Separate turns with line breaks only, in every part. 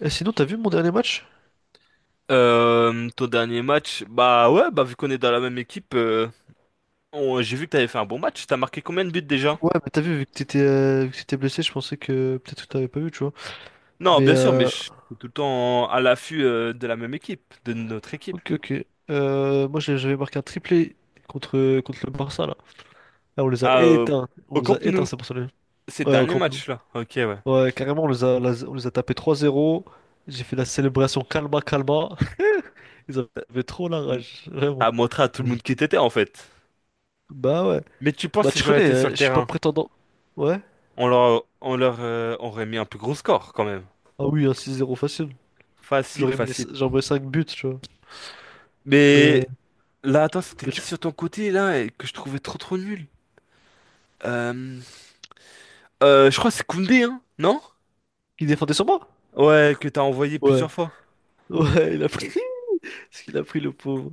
Eh, sinon, t'as vu mon dernier match?
Ton dernier match, bah ouais, bah vu qu'on est dans la même équipe, j'ai vu que t'avais fait un bon match. T'as marqué combien de buts déjà?
Ouais, mais t'as vu que t'étais blessé, je pensais que peut-être que t'avais pas vu, tu vois.
Non,
Mais
bien sûr, mais
euh,
je suis tout le temps à l'affût de la même équipe, de notre équipe.
ok, ok. Moi, j'avais marqué un triplé contre le Barça, là. Là, on les a
Ah, euh,
éteints. On
Au
les a
Camp
éteints,
Nou,
c'est pour ça.
ces
Ouais, au
derniers
Camp Nou.
matchs-là. Ok, ouais.
Ouais, carrément, on les a tapés 3-0. J'ai fait la célébration calma, calma. Ils
T'as
avaient trop la rage, vraiment.
t'as montré à tout le monde qui t'étais en fait.
Bah ouais.
Mais tu penses
Bah,
si
tu
j'aurais
connais,
été sur le
je suis pas
terrain,
prétendant. Ouais?
on leur aurait mis un plus gros score quand même.
Ah oui, un 6-0 facile.
Facile, facile.
J'aurais mis 5 buts, tu vois. Mais,
Mais là, attends, c'était
mais
qui sur ton côté là et que je trouvais trop trop nul? Euh, je crois que c'est Koundé, hein, non?
qui défendait sur moi?
Ouais, que t'as envoyé
Ouais,
plusieurs fois.
ouais, il a pris. Ce qu'il a pris, le pauvre.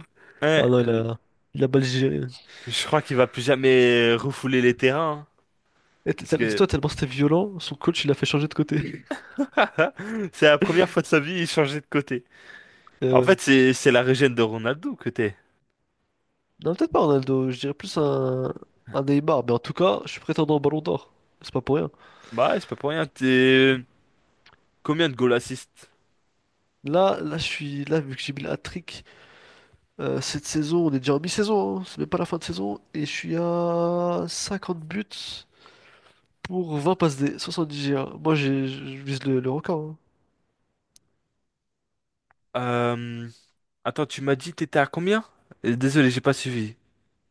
Ah
Ouais,
non,
l-
il a mal géré.
je crois qu'il va plus jamais refouler les terrains, hein, parce que
Dis-toi, tellement c'était violent, son coach, il l'a fait changer de côté.
c'est la première fois de sa vie, il changeait de côté. En
Euh,
fait, c'est la régène de Ronaldo que t'es.
non, peut-être pas Ronaldo, je dirais plus un Neymar, mais en tout cas, je suis prétendant au Ballon d'Or. C'est pas pour rien.
Bah, ouais, c'est pas pour rien. T'es combien de goal assist?
Là, là, je suis là, vu que j'ai mis le hat-trick, cette saison, on est déjà en mi-saison, hein, c'est même pas la fin de saison, et je suis à 50 buts pour 20 passes D, 70 G1. Moi, je vise le record, hein.
Euh... Attends, tu m'as dit t'étais à combien? Désolé, j'ai pas suivi.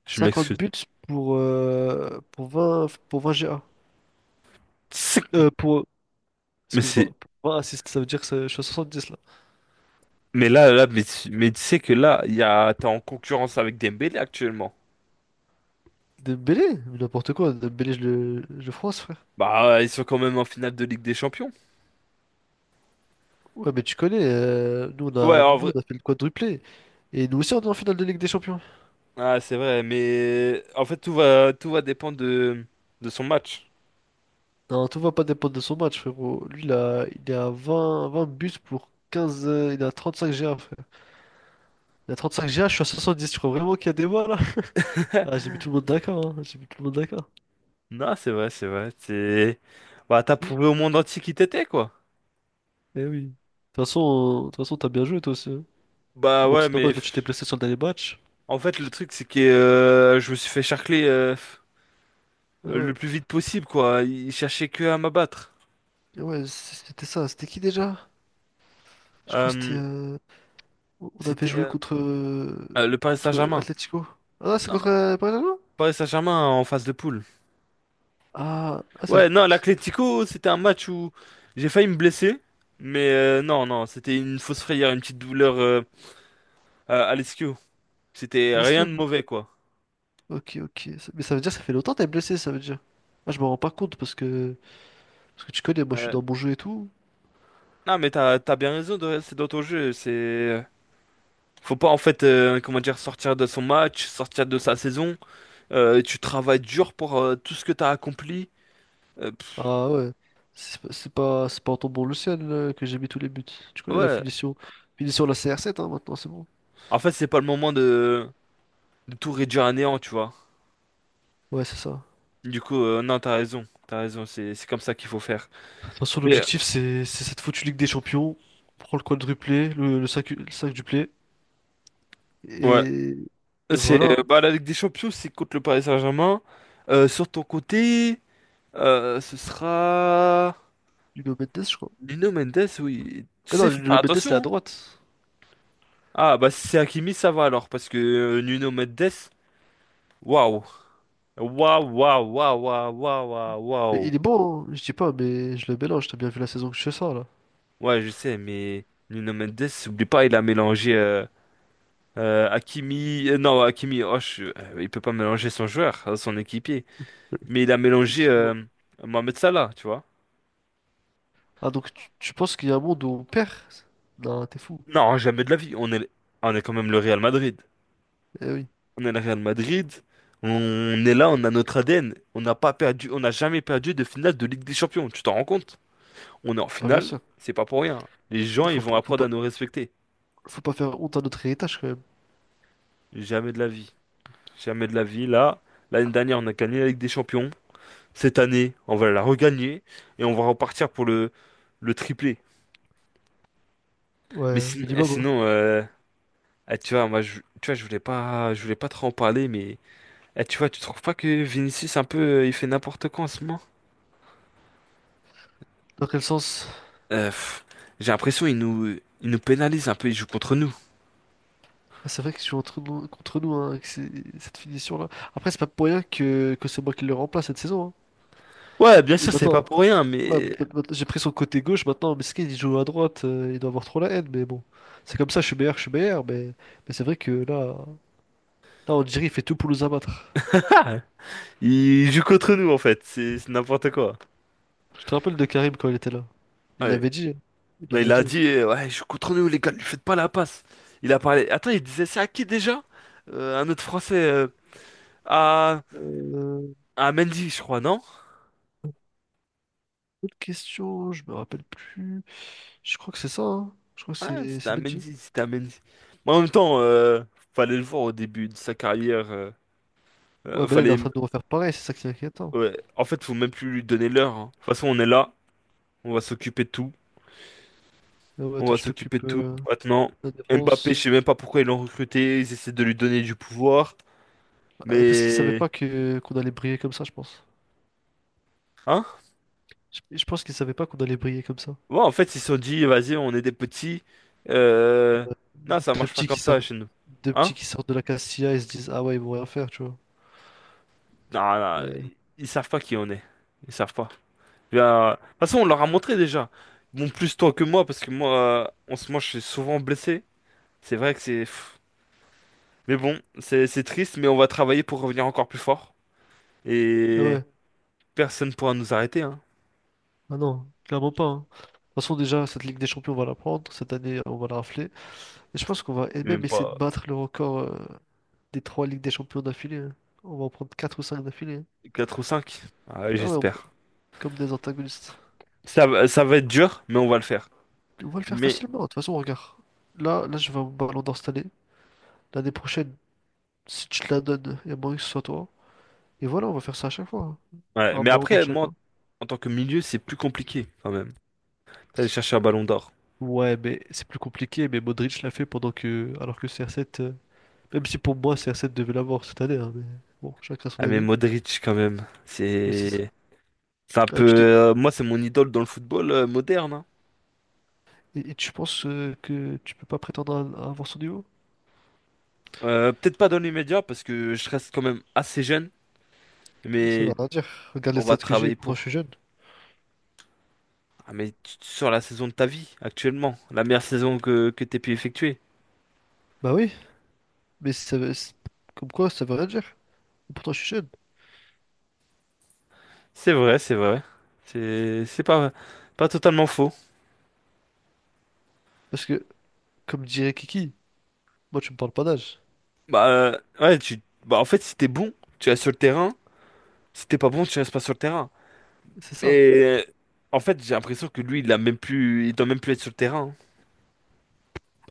Je
50
m'excuse.
buts pour 20 GA.
C'est-
Euh, pour... Excuse-moi.
C'est
Pour un Ça veut dire que je suis à 70 là.
mais là là mais tu sais que là, il y a t'es en concurrence avec Dembélé actuellement.
Dembélé? Mais n'importe quoi. Dembélé, je le France, frère.
Bah, ils sont quand même en finale de Ligue des Champions.
Ouais, mais tu connais. Nous, on
Ouais,
a...
en
nous, nous,
vrai.
On a fait le quadruplé. Et nous aussi, on est en finale de Ligue des Champions.
Ah, c'est vrai, mais en fait, tout va dépendre de son match.
Non, tout va pas dépendre de son match, frérot. Lui, il est à 20 buts pour 15. Il a 35 GA, frère. Il a 35 GA, je suis à 70. Tu crois vraiment qu'il y a des voix là? Ah, j'ai mis tout le monde d'accord, hein. J'ai mis tout le monde d'accord.
Non, c'est vrai, c'est vrai. Bah, t'as prouvé au monde entier qui t'étais, quoi.
Eh oui. De toute façon, t'as bien joué toi aussi, hein.
Bah
Bon,
ouais,
c'est dommage, là, tu t'es blessé sur le dernier match.
en fait, le truc, c'est que je me suis fait charcler
Ah
le
ouais.
plus vite possible, quoi. Ils cherchaient que à m'abattre.
Ouais, c'était ça. C'était qui déjà? Je crois que c'était,
Euh,
on avait
c'était
joué
Le Paris
contre
Saint-Germain.
Atlético. Ah, c'est contre
Non,
Barcelone?
Paris Saint-Germain en phase de poule.
Ah, ah, ça veut
Ouais, non, l'Atlético, c'était un match où j'ai failli me blesser. Mais non, non, c'était une fausse frayeur, une petite douleur Alessio. C'était rien
dire.
de mauvais, quoi.
Ok, ok. Mais ça veut dire que ça fait longtemps que t'es blessé, ça veut dire. Ah, je me rends pas compte Parce que tu connais, moi je suis
Ouais.
dans mon jeu et tout.
Non, mais t'as bien raison, de- c'est d'autres jeux. C'est... Faut pas, en fait, comment dire, sortir de son match, sortir de sa saison. Tu travailles dur pour tout ce que t'as accompli. Euh, pff,
Ah ouais. C'est pas en tombant le ciel là, que j'ai mis tous les buts. Tu connais la
ouais.
finition. Finition la CR7, hein, maintenant, c'est bon.
En fait, c'est pas le moment de tout réduire à néant, tu vois.
Ouais, c'est ça.
Du coup, non, t'as raison. T'as raison, c'est comme ça qu'il faut faire.
Attention,
Mais, euh,
l'objectif c'est cette foutue Ligue des Champions. On prend le quadruplé, le 5 duplé.
ouais.
Et, et
C'est,
voilà,
bah, la Ligue des Champions, c'est contre le Paris Saint-Germain. Sur ton côté, ce sera...
Nuno Mendes, je crois.
Nuno Mendes, oui. Tu
Ah
sais,
non,
faut
Nuno
faire
Mendes, il est à
attention, hein.
droite.
Ah, bah si c'est Hakimi, ça va alors, parce que Nuno Mendes, waouh. Waouh, waouh, waouh, waouh, waouh, waouh,
Mais
waouh.
il est bon, hein, je dis pas, mais je le mélange. T'as bien vu la saison que je fais ça, là.
Ouais, je sais, mais Nuno Mendes, oublie pas, il a mélangé Hakimi. Non, Hakimi, oh, il peut pas mélanger son joueur, son équipier. Mais il a mélangé
Effectivement.
Mohamed Salah, tu vois.
Ah, donc tu penses qu'il y a un monde où on perd? Non, t'es fou.
Non, jamais de la vie. On est quand même le Real Madrid.
Eh oui,
On est le Real Madrid, on est là, on a notre ADN, on n'a pas perdu, on n'a jamais perdu de finale de Ligue des Champions, tu t'en rends compte? On est en
bah bien
finale,
sûr.
c'est pas pour rien. Les
Il
gens,
faut
ils vont
pas, faut
apprendre
pas,
à nous respecter.
Faut pas faire honte à notre héritage, quand même.
Jamais de la vie. Jamais de la vie. Là, l'année dernière, on a gagné la Ligue des Champions. Cette année, on va la regagner et on va repartir pour le triplé.
Ouais, au minimum, hein.
Sinon, tu vois, moi, je, tu vois, je voulais pas trop en parler, mais tu vois, tu trouves pas que Vinicius un peu, il fait n'importe quoi en ce moment?
Dans quel sens?
Euh, pff, j'ai l'impression ils nous pénalisent un peu, ils jouent contre nous.
Ah, c'est vrai qu'ils jouent entre nous, contre nous, hein, avec cette finition-là. Après, c'est pas pour rien que c'est moi qui le remplace cette saison,
Ouais, bien
hein. Et
sûr, c'est
maintenant,
pas pour rien,
ouais,
mais...
j'ai pris son côté gauche maintenant, Meskin il joue à droite, il doit avoir trop la haine, mais bon. C'est comme ça, je suis meilleur, mais c'est vrai que là, là, on dirait il fait tout pour nous abattre.
Ah, ils jouent contre nous, en fait, c'est n'importe quoi.
Tu te rappelles de Karim quand il était là? Il
Ouais.
l'avait dit, hein. Il
Non,
l'avait
il a
dit.
dit, ouais, ils jouent contre nous, les gars, ne lui faites pas la passe. Il a parlé... Attends, il disait ça à qui, déjà? Un autre Français, à...
Euh,
à Mendy, je crois, non?
Autre question, je me rappelle plus. Je crois que c'est ça, hein. Je crois que
Ouais,
c'est
c'était
c'est
à
Benji.
Mendy, c'était à Mendy. Mais en même temps, fallait le voir au début de sa carrière,
Ouais, ben là, il est en
fallait...
train de refaire pareil, c'est ça qui est inquiétant.
ouais. En fait, faut même plus lui donner l'heure, hein. De toute façon, on est là, on va s'occuper de tout.
Ouais,
On
toi,
va
tu
s'occuper
t'occupes
de tout. Maintenant,
de la
Mbappé,
défense.
je sais même pas pourquoi ils l'ont recruté. Ils essaient de lui donner du pouvoir.
Ouais, parce qu'il savait
Mais...
pas que qu'on allait briller comme ça, je pense.
Hein?
Je pense qu'il savait pas qu'on allait briller comme ça.
Ouais, en fait, ils se sont dit, vas-y, on est des petits. Euh... Non, ça
Deux
marche pas
petits qui
comme ça
sortent,
chez nous.
Deux
Hein?
petits qui sortent de la Castilla et se disent, ah ouais, ils vont rien faire, tu vois.
Non, non,
Mais-
ils savent pas qui on est. Ils savent pas. Bien, de toute façon, on leur a montré déjà. Bon, plus toi que moi, parce que moi, euh, en ce moment, je suis souvent blessé. C'est vrai que c'est... pff. Mais bon, c'est triste, mais on va travailler pour revenir encore plus fort.
Ah
Et
ouais,
personne pourra nous arrêter, hein.
ah non, clairement pas, hein. De toute façon, déjà, cette Ligue des Champions, on va la prendre. Cette année, on va la rafler. Et je pense qu'on va et même
Même
essayer de
pas...
battre le record, des trois Ligues des Champions d'affilée, hein. On va en prendre quatre ou cinq d'affilée, hein.
4 ou 5?
Ah ouais,
J'espère.
comme des antagonistes.
Ça va être dur, mais on va le faire.
On va le faire
Mais,
facilement. De toute façon, regarde. Là, là, je vais au Ballon d'Or cette année. L'année prochaine, si tu te la donnes, il y a moyen que ce soit toi. Et voilà, on va faire ça à chaque fois, hein.
ouais.
Un
Mais
Ballon d'Or
après, moi,
chacun.
en tant que milieu, c'est plus compliqué quand même. Aller chercher un ballon d'or.
Ouais, mais c'est plus compliqué, mais Modric l'a fait pendant que... Alors que CR7... Même si pour moi, CR7 devait l'avoir cette année, hein, mais bon, chacun son
Ah, mais
avis.
Modric, quand même.
Mais c'est ça.
C'est. C'est un
Ah,
peu, moi, c'est mon idole dans le football moderne, hein.
et tu penses que tu peux pas prétendre à avoir son niveau?
Peut-être pas dans les médias parce que je reste quand même assez jeune,
Ça veut
mais
rien dire. Regarde les
on va
stats que j'ai, et
travailler
pourtant je suis
pour.
jeune.
Ah, mais sur la saison de ta vie, actuellement, la meilleure saison que t'aies pu effectuer.
Bah oui, mais comme quoi, ça veut rien dire. Et pourtant je suis jeune.
C'est vrai, c'est vrai. C'est pas, pas totalement faux.
Parce que, comme dirait Kiki, moi tu me parles pas d'âge.
Ouais, tu... bah, en fait, si t'es bon, tu restes sur le terrain. Si t'es pas bon, tu restes pas sur le terrain.
C'est ça.
Mais en fait, j'ai l'impression que lui, il a même plus... il doit même plus être sur le terrain, hein.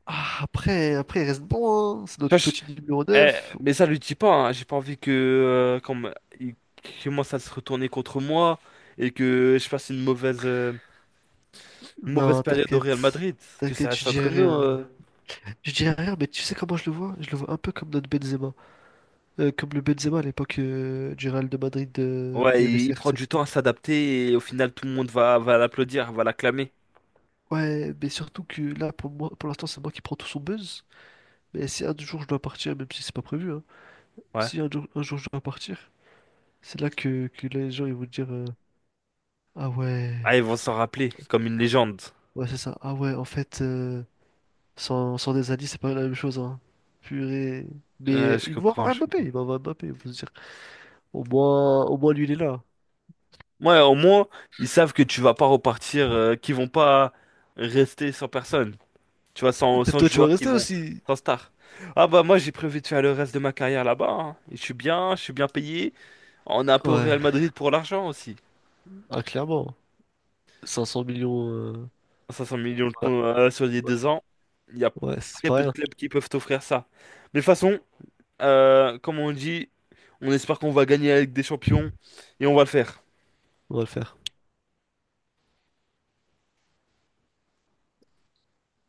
Ah, après, il reste bon, hein. C'est
Tu vois,
notre
je-
petit numéro neuf.
mais ça lui dit pas, hein. J'ai pas envie que il commence à se retourner contre moi et que je fasse une mauvaise
Non,
période au Real
t'inquiète.
Madrid. Que ça
T'inquiète, je
reste entre
dirai
nous.
rien. Je dis rien, mais tu sais comment je le vois? Je le vois un peu comme notre Benzema. Comme le Benzema à l'époque, du Real de Madrid, où
Ouais,
il y avait
il prend
CR7
du
et
temps
tout.
à s'adapter et au final, tout le monde va, va l'applaudir, va l'acclamer.
Ouais, mais surtout que là, pour moi, pour l'instant, c'est moi qui prends tout son buzz. Mais si un jour je dois partir, même si c'est pas prévu, hein,
Ouais.
si un jour je dois partir, c'est là que les gens ils vont dire, ah
Ah,
ouais,
ils vont s'en rappeler comme une légende.
ouais, c'est ça. Ah ouais, en fait, sans des alliés, c'est pas la même chose, hein. Purée. Mais
Je
il va
comprends,
avoir
je
Mbappé,
comprends.
il va avoir Mbappé, il faut se dire. Au moins lui, il est là.
Ouais, au moins, ils savent que tu vas pas repartir, qu'ils vont pas rester sans personne. Tu vois,
Peut-être
sans
toi, tu vas
joueurs qui
rester
vont,
aussi.
sans star. Ah bah moi, j'ai prévu de faire le reste de ma carrière là-bas, hein. Et je suis bien, je suis bien payé. On est un peu au
Ouais.
Real Madrid pour l'argent aussi.
Ah, clairement. 500 millions,
500 millions de
ouais,
con- euh, sur les deux ans. Il y a
ouais, c'est
très
pas
peu de
rien.
clubs qui peuvent t'offrir ça. Mais de toute façon, comme on dit, on espère qu'on va gagner avec des champions et on va le faire.
On va le faire.